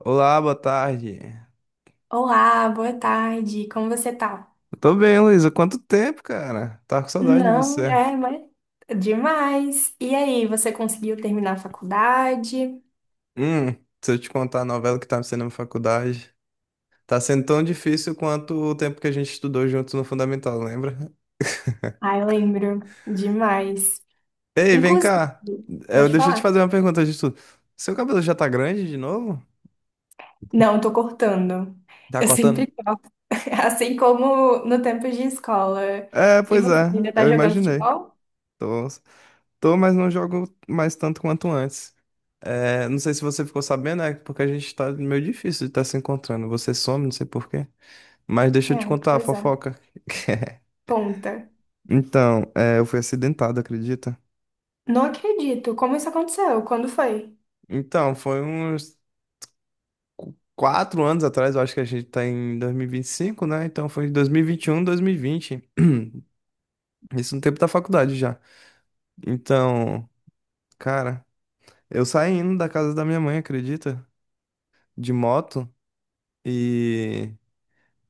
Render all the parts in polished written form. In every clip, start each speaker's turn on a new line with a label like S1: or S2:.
S1: Olá, boa tarde.
S2: Olá, boa tarde. Como você tá?
S1: Eu tô bem, Luísa. Quanto tempo, cara? Tava com saudade de
S2: Não,
S1: você.
S2: é, mas demais. E aí, você conseguiu terminar a faculdade?
S1: Hum, se eu te contar a novela que tá me sendo na faculdade, tá sendo tão difícil quanto o tempo que a gente estudou juntos no Fundamental, lembra?
S2: Ai, lembro. Demais.
S1: Ei, vem
S2: Inclusive,
S1: cá.
S2: pode
S1: Deixa eu te
S2: falar.
S1: fazer uma pergunta de tudo. Seu cabelo já tá grande de novo?
S2: Não, tô cortando.
S1: Tá
S2: Eu sempre
S1: cortando?
S2: corto, assim como no tempo de escola.
S1: É,
S2: E
S1: pois
S2: você
S1: é,
S2: ainda tá
S1: eu
S2: jogando
S1: imaginei.
S2: futebol?
S1: Tô, tô, mas não jogo mais tanto quanto antes. É, não sei se você ficou sabendo, é porque a gente tá meio difícil de estar se encontrando. Você some, não sei por quê. Mas deixa eu
S2: É,
S1: te contar a
S2: pois é.
S1: fofoca.
S2: Conta.
S1: Então, eu fui acidentado, acredita?
S2: Não acredito. Como isso aconteceu? Quando foi?
S1: Então, foi uns 4 anos atrás, eu acho que a gente tá em dois mil e vinte e cinco, né? Então foi dois mil e vinte e um, 2020. Isso no tempo da faculdade já. Então, cara, eu saindo da casa da minha mãe, acredita? De moto. E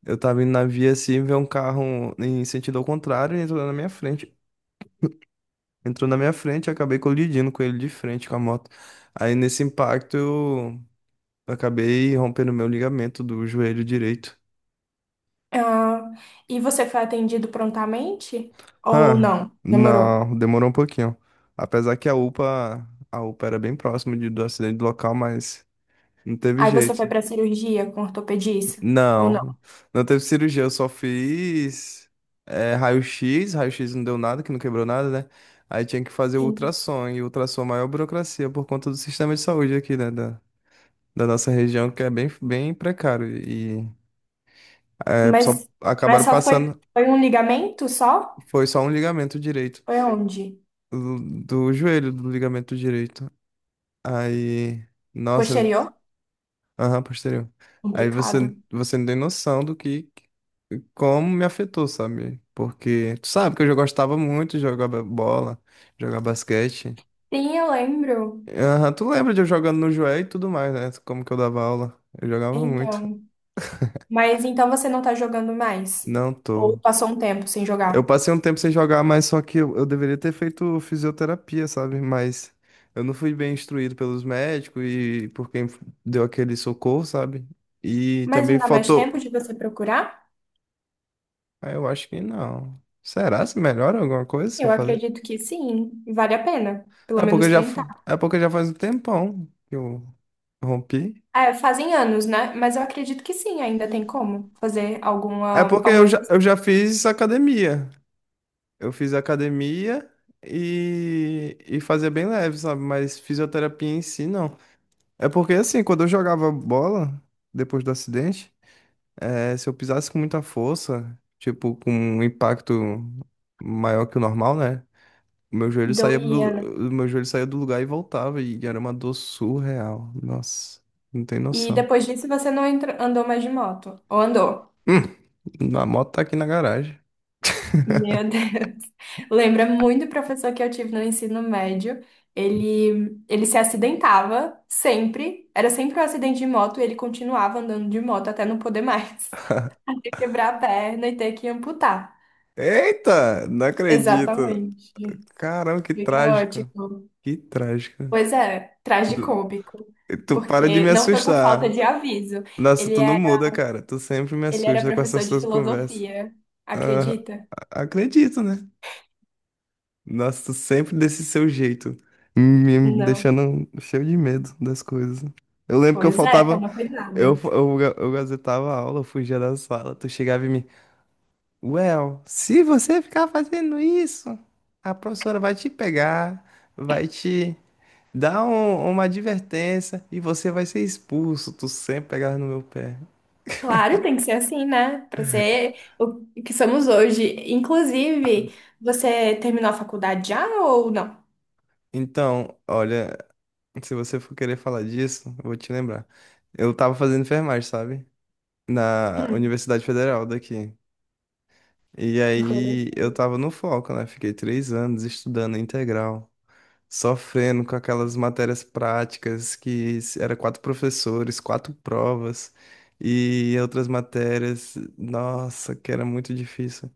S1: eu tava indo na via assim, ver um carro em sentido ao contrário e entrou na minha frente. E acabei colidindo com ele de frente com a moto. Aí nesse impacto eu acabei rompendo meu ligamento do joelho direito.
S2: Ah, e você foi atendido prontamente? Ou
S1: Ah,
S2: não? Demorou?
S1: não, demorou um pouquinho. Apesar que a UPA era bem próximo do acidente do local, mas não teve
S2: Aí você foi
S1: jeito.
S2: pra cirurgia com ortopedista? Ou
S1: Não,
S2: não?
S1: não teve cirurgia, eu só fiz raio-x, raio-x não deu nada, que não quebrou nada, né? Aí tinha que fazer o
S2: Sim.
S1: ultrassom, e o ultrassom é a maior burocracia por conta do sistema de saúde aqui, né? Da nossa região que é bem, bem precário e só
S2: Mas, mas
S1: acabaram
S2: só foi,
S1: passando,
S2: um ligamento só?
S1: foi só um ligamento direito
S2: Foi onde?
S1: do joelho do ligamento direito. Aí, nossa,
S2: Posterior?
S1: aham, posterior. Aí você
S2: Complicado.
S1: você não tem noção do que como me afetou, sabe? Porque tu sabe que eu já gostava muito de jogar bola, jogar basquete.
S2: Sim, eu lembro.
S1: Aham, tu lembra de eu jogando no joelho e tudo mais, né? Como que eu dava aula? Eu jogava muito.
S2: Então. Mas então você não tá jogando mais?
S1: Não
S2: Ou
S1: tô.
S2: passou um tempo sem
S1: Eu
S2: jogar?
S1: passei um tempo sem jogar, mas só que eu deveria ter feito fisioterapia, sabe? Mas eu não fui bem instruído pelos médicos e por quem deu aquele socorro, sabe? E
S2: Mas
S1: também
S2: não dá mais tempo
S1: faltou.
S2: de você procurar?
S1: Ah, eu acho que não. Será se melhora alguma coisa se eu
S2: Eu
S1: fazer?
S2: acredito que sim. Vale a pena. Pelo
S1: É porque
S2: menos
S1: eu já, fa-
S2: tentar.
S1: é porque já faz um tempão que eu rompi.
S2: É, fazem anos, né? Mas eu acredito que sim, ainda tem como fazer
S1: É
S2: alguma,
S1: porque
S2: algum
S1: eu já,
S2: exercício.
S1: eu já fiz academia. Eu fiz academia e fazia bem leve, sabe? Mas fisioterapia em si, não. É porque assim, quando eu jogava bola, depois do acidente, se eu pisasse com muita força, tipo, com um impacto maior que o normal, né? O meu joelho saía
S2: Doía,
S1: do,
S2: né?
S1: o meu joelho saía do lugar e voltava, e era uma dor surreal. Nossa, não tem
S2: E
S1: noção.
S2: depois disso você não entra- andou mais de moto. Ou andou?
S1: Hum, a moto tá aqui na garagem.
S2: Meu Deus. Lembra muito o professor que eu tive no ensino médio. Ele se acidentava sempre. Era sempre um acidente de moto e ele continuava andando de moto até não poder mais. Até quebrar a perna e ter que amputar.
S1: Eita, não acredito.
S2: Exatamente.
S1: Caramba, que
S2: Fica
S1: trágico.
S2: ótimo.
S1: Que trágico.
S2: Pois é,
S1: Tu,
S2: tragicômico.
S1: tu para de
S2: Porque
S1: me
S2: não foi por falta
S1: assustar.
S2: de aviso.
S1: Nossa,
S2: Ele
S1: tu não
S2: era,
S1: muda, cara. Tu sempre me
S2: ele era
S1: assusta com
S2: professor
S1: essas
S2: de
S1: tuas conversas.
S2: filosofia.
S1: Ah,
S2: Acredita?
S1: acredito, né? Nossa, tu sempre desse seu jeito, me
S2: Não.
S1: deixando cheio de medo das coisas. Eu lembro que eu
S2: Pois é,
S1: faltava,
S2: toma cuidado.
S1: eu gazetava a aula, eu fugia da sala, tu chegava em mim, Well, se você ficar fazendo isso, a professora vai te pegar, vai te dar uma advertência e você vai ser expulso. Tu sempre pegava no meu pé.
S2: Claro, tem que ser assim, né? Para ser o que somos hoje. Inclusive, você terminou a faculdade já ou não?
S1: Então, olha, se você for querer falar disso, eu vou te lembrar. Eu tava fazendo enfermagem, sabe? Na
S2: Hum,
S1: Universidade Federal daqui. E aí eu
S2: interessante.
S1: tava no foco, né? Fiquei 3 anos estudando integral, sofrendo com aquelas matérias práticas que era quatro professores, quatro provas e outras matérias, nossa, que era muito difícil.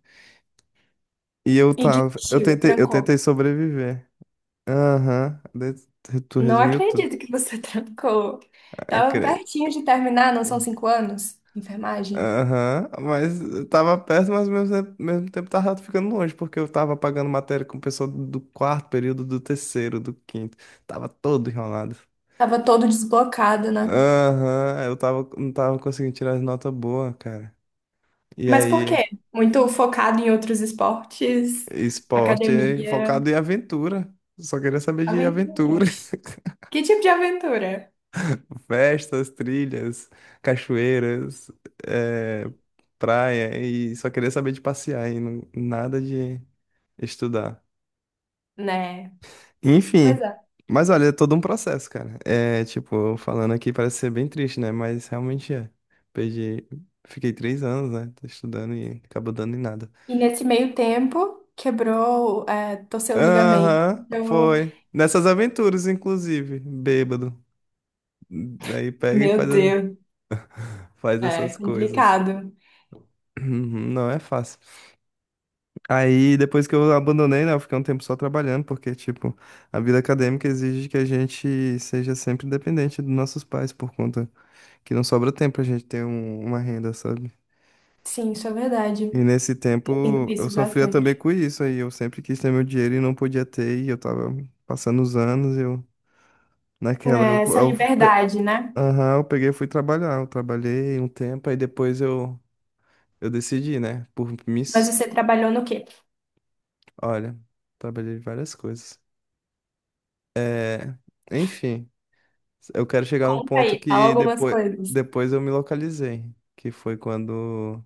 S2: E desistiu,
S1: Eu
S2: trancou.
S1: tentei sobreviver. Aham, tu
S2: Não
S1: resumiu tudo.
S2: acredito que você trancou.
S1: Ah,
S2: Tava pertinho de terminar, não são 5 anos? Enfermagem.
S1: aham, mas tava perto, mas ao mesmo tempo tava ficando longe, porque eu tava pagando matéria com o pessoal do quarto período, do terceiro, do quinto. Tava todo enrolado.
S2: Tava todo desblocado, né?
S1: Aham, não tava conseguindo tirar as notas boas, cara. E
S2: Mas por quê?
S1: aí,
S2: Muito focado em outros esportes,
S1: esporte é
S2: academia,
S1: focado em aventura. Só queria saber de
S2: aventura.
S1: aventura.
S2: Que tipo de aventura,
S1: Festas, trilhas, cachoeiras, eh, praia, e só queria saber de passear e nada de estudar.
S2: né? Pois
S1: Enfim.
S2: é.
S1: Mas olha, é todo um processo, cara. É, tipo, falando aqui parece ser bem triste, né? Mas realmente é. Perdi. Fiquei 3 anos, né? Tô estudando e acabou dando em nada.
S2: E nesse meio tempo, quebrou, é, torceu o ligamento.
S1: Aham,
S2: Então,
S1: foi. Nessas aventuras, inclusive. Bêbado. Daí pega e
S2: Meu
S1: faz, a-
S2: Deus,
S1: faz
S2: é
S1: essas coisas.
S2: complicado.
S1: Uhum. Não é fácil. Aí, depois que eu abandonei, né? Eu fiquei um tempo só trabalhando, porque, tipo, a vida acadêmica exige que a gente seja sempre dependente dos nossos pais por conta que não sobra tempo pra gente ter uma renda, sabe?
S2: Sim, isso é verdade.
S1: E nesse
S2: Eu sinto
S1: tempo eu
S2: isso
S1: sofria também
S2: bastante.
S1: com isso aí. Eu sempre quis ter meu dinheiro e não podia ter, e eu tava passando os anos, eu naquela
S2: É, essa liberdade, né?
S1: aham, eu peguei e fui trabalhar. Eu trabalhei um tempo, aí depois eu decidi, né? Por
S2: Mas
S1: mis...
S2: você trabalhou no quê?
S1: Olha, trabalhei em várias coisas. É, enfim, eu quero chegar num
S2: Conta
S1: ponto
S2: aí, fala
S1: que
S2: algumas
S1: depois,
S2: coisas.
S1: depois eu me localizei, que foi quando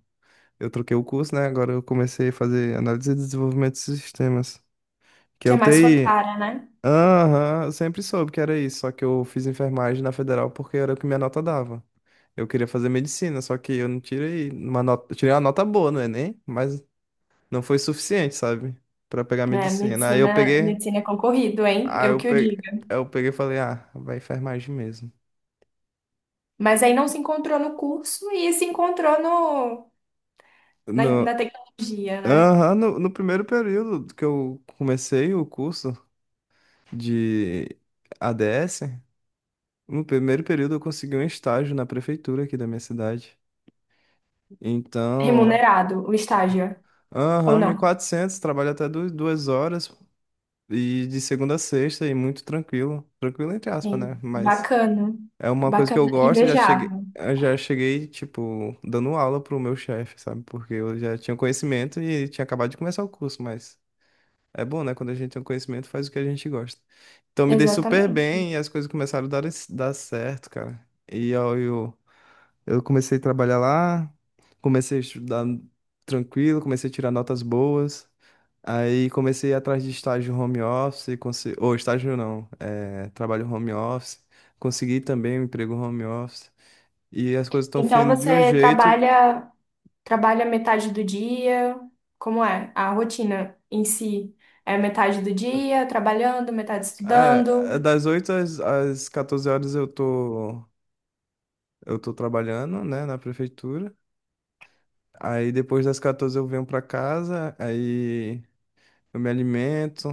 S1: eu troquei o curso, né? Agora eu comecei a fazer análise e desenvolvimento de sistemas, que é
S2: Que é
S1: o
S2: mais sua
S1: TI.
S2: cara, né?
S1: Aham, eu sempre soube que era isso, só que eu fiz enfermagem na federal porque era o que minha nota dava. Eu queria fazer medicina, só que eu não tirei uma nota, eu tirei uma nota boa no Enem, mas não foi suficiente, sabe? Pra pegar
S2: É,
S1: medicina. Aí eu
S2: medicina,
S1: peguei,
S2: medicina é concorrido, hein?
S1: aí
S2: Eu
S1: eu
S2: que o
S1: peguei,
S2: diga.
S1: eu peguei e falei, ah, vai enfermagem mesmo.
S2: Mas aí não se encontrou no curso e se encontrou no, na, na
S1: No,
S2: tecnologia, né?
S1: aham, no primeiro período que eu comecei o curso de ADS. No primeiro período eu consegui um estágio na prefeitura aqui da minha cidade. Então,
S2: Remunerado, o estágio, ou
S1: aham, mil
S2: não?
S1: e quatrocentos trabalho até 2 horas e de segunda a sexta e muito tranquilo. Tranquilo entre
S2: É,
S1: aspas, né? Mas
S2: bacana,
S1: é uma coisa que eu
S2: bacana,
S1: gosto, já cheguei,
S2: invejável.
S1: eu já cheguei, tipo, dando aula pro meu chefe, sabe? Porque eu já tinha conhecimento e tinha acabado de começar o curso, mas é bom, né? Quando a gente tem um conhecimento, faz o que a gente gosta. Então me dei super
S2: Exatamente.
S1: bem e as coisas começaram a dar certo, cara. E eu, eu Eu comecei a trabalhar lá, comecei a estudar tranquilo, comecei a tirar notas boas. Aí comecei a ir atrás de estágio home office, ou estágio não, trabalho home office. Consegui também um emprego home office. E as coisas estão
S2: Então
S1: fluindo de um
S2: você
S1: jeito que,
S2: trabalha, trabalha metade do dia, como é? A rotina em si é metade do dia trabalhando, metade estudando.
S1: das 8 às 14 horas eu tô, trabalhando, né, na prefeitura. Aí depois das 14 eu venho pra casa, aí eu me alimento,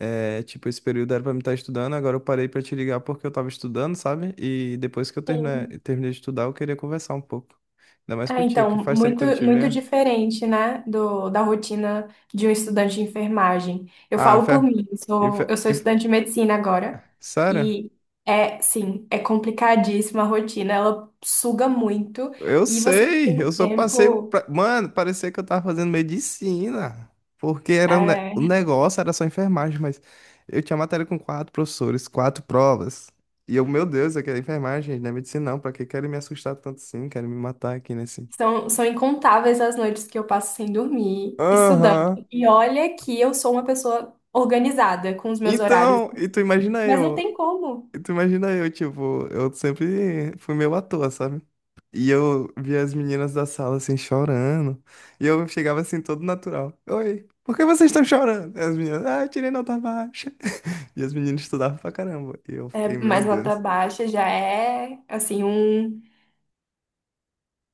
S1: é, tipo, esse período era pra me estar estudando, agora eu parei pra te ligar porque eu tava estudando, sabe? E depois que eu terminei,
S2: Sim.
S1: terminei de estudar, eu queria conversar um pouco. Ainda mais
S2: Ah,
S1: contigo, que
S2: então,
S1: faz tempo
S2: muito,
S1: que eu não te
S2: muito
S1: vejo.
S2: diferente, né, da rotina de um estudante de enfermagem. Eu
S1: Ah,
S2: falo por
S1: fé.
S2: mim,
S1: E fé-
S2: eu sou
S1: e fé-
S2: estudante de medicina agora,
S1: Sério?
S2: e é, sim, é complicadíssima a rotina, ela suga muito,
S1: Eu
S2: e você não
S1: sei,
S2: tem
S1: eu só passei
S2: tempo,
S1: pra... Mano, parecia que eu tava fazendo medicina. Porque era o
S2: é,
S1: negócio era só enfermagem, mas eu tinha matéria com quatro professores, quatro provas. E eu, meu Deus, eu quero enfermagem, não é medicina não. Pra que querem me assustar tanto assim? Querem me matar aqui nesse...
S2: são incontáveis as noites que eu passo sem dormir, estudando.
S1: Aham.
S2: E olha que eu sou uma pessoa organizada com os meus horários,
S1: Então, e tu imagina
S2: mas não
S1: eu,
S2: tem como.
S1: e tu imagina eu, tipo, eu sempre fui meio à toa, sabe? E eu via as meninas da sala assim chorando, e eu chegava assim todo natural. Oi, por que vocês estão chorando? E as meninas, ah, eu tirei nota baixa. E as meninas estudavam pra caramba. E eu
S2: É,
S1: fiquei, meu
S2: mais nota
S1: Deus.
S2: baixa já é, assim,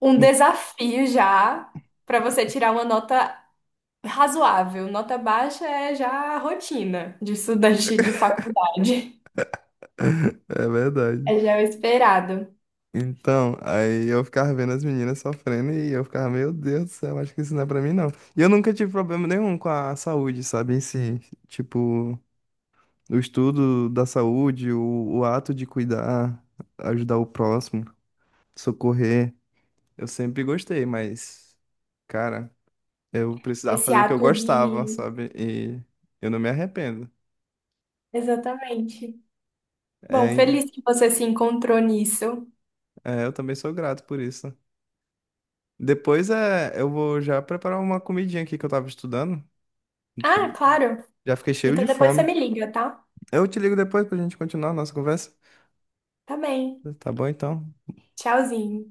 S2: um desafio já para você tirar uma nota razoável. Nota baixa é já a rotina de estudante de faculdade.
S1: É verdade.
S2: É já o esperado.
S1: Então, aí eu ficava vendo as meninas sofrendo e eu ficava, meu Deus do céu, acho que isso não é pra mim, não. E eu nunca tive problema nenhum com a saúde, sabe, em si. Tipo. O estudo da saúde, o ato de cuidar, ajudar o próximo, socorrer. Eu sempre gostei, mas, cara, eu precisava
S2: Esse
S1: fazer o que eu
S2: ato
S1: gostava,
S2: de.
S1: sabe? E eu não me arrependo.
S2: Exatamente. Bom,
S1: É,
S2: feliz que você se encontrou nisso.
S1: eu também sou grato por isso. Depois eu vou já preparar uma comidinha aqui que eu tava estudando.
S2: Ah, claro.
S1: Já fiquei cheio de
S2: Então depois você
S1: fome.
S2: me liga, tá?
S1: Eu te ligo depois pra gente continuar a nossa conversa.
S2: Tá bem.
S1: Tá bom, então.
S2: Tchauzinho.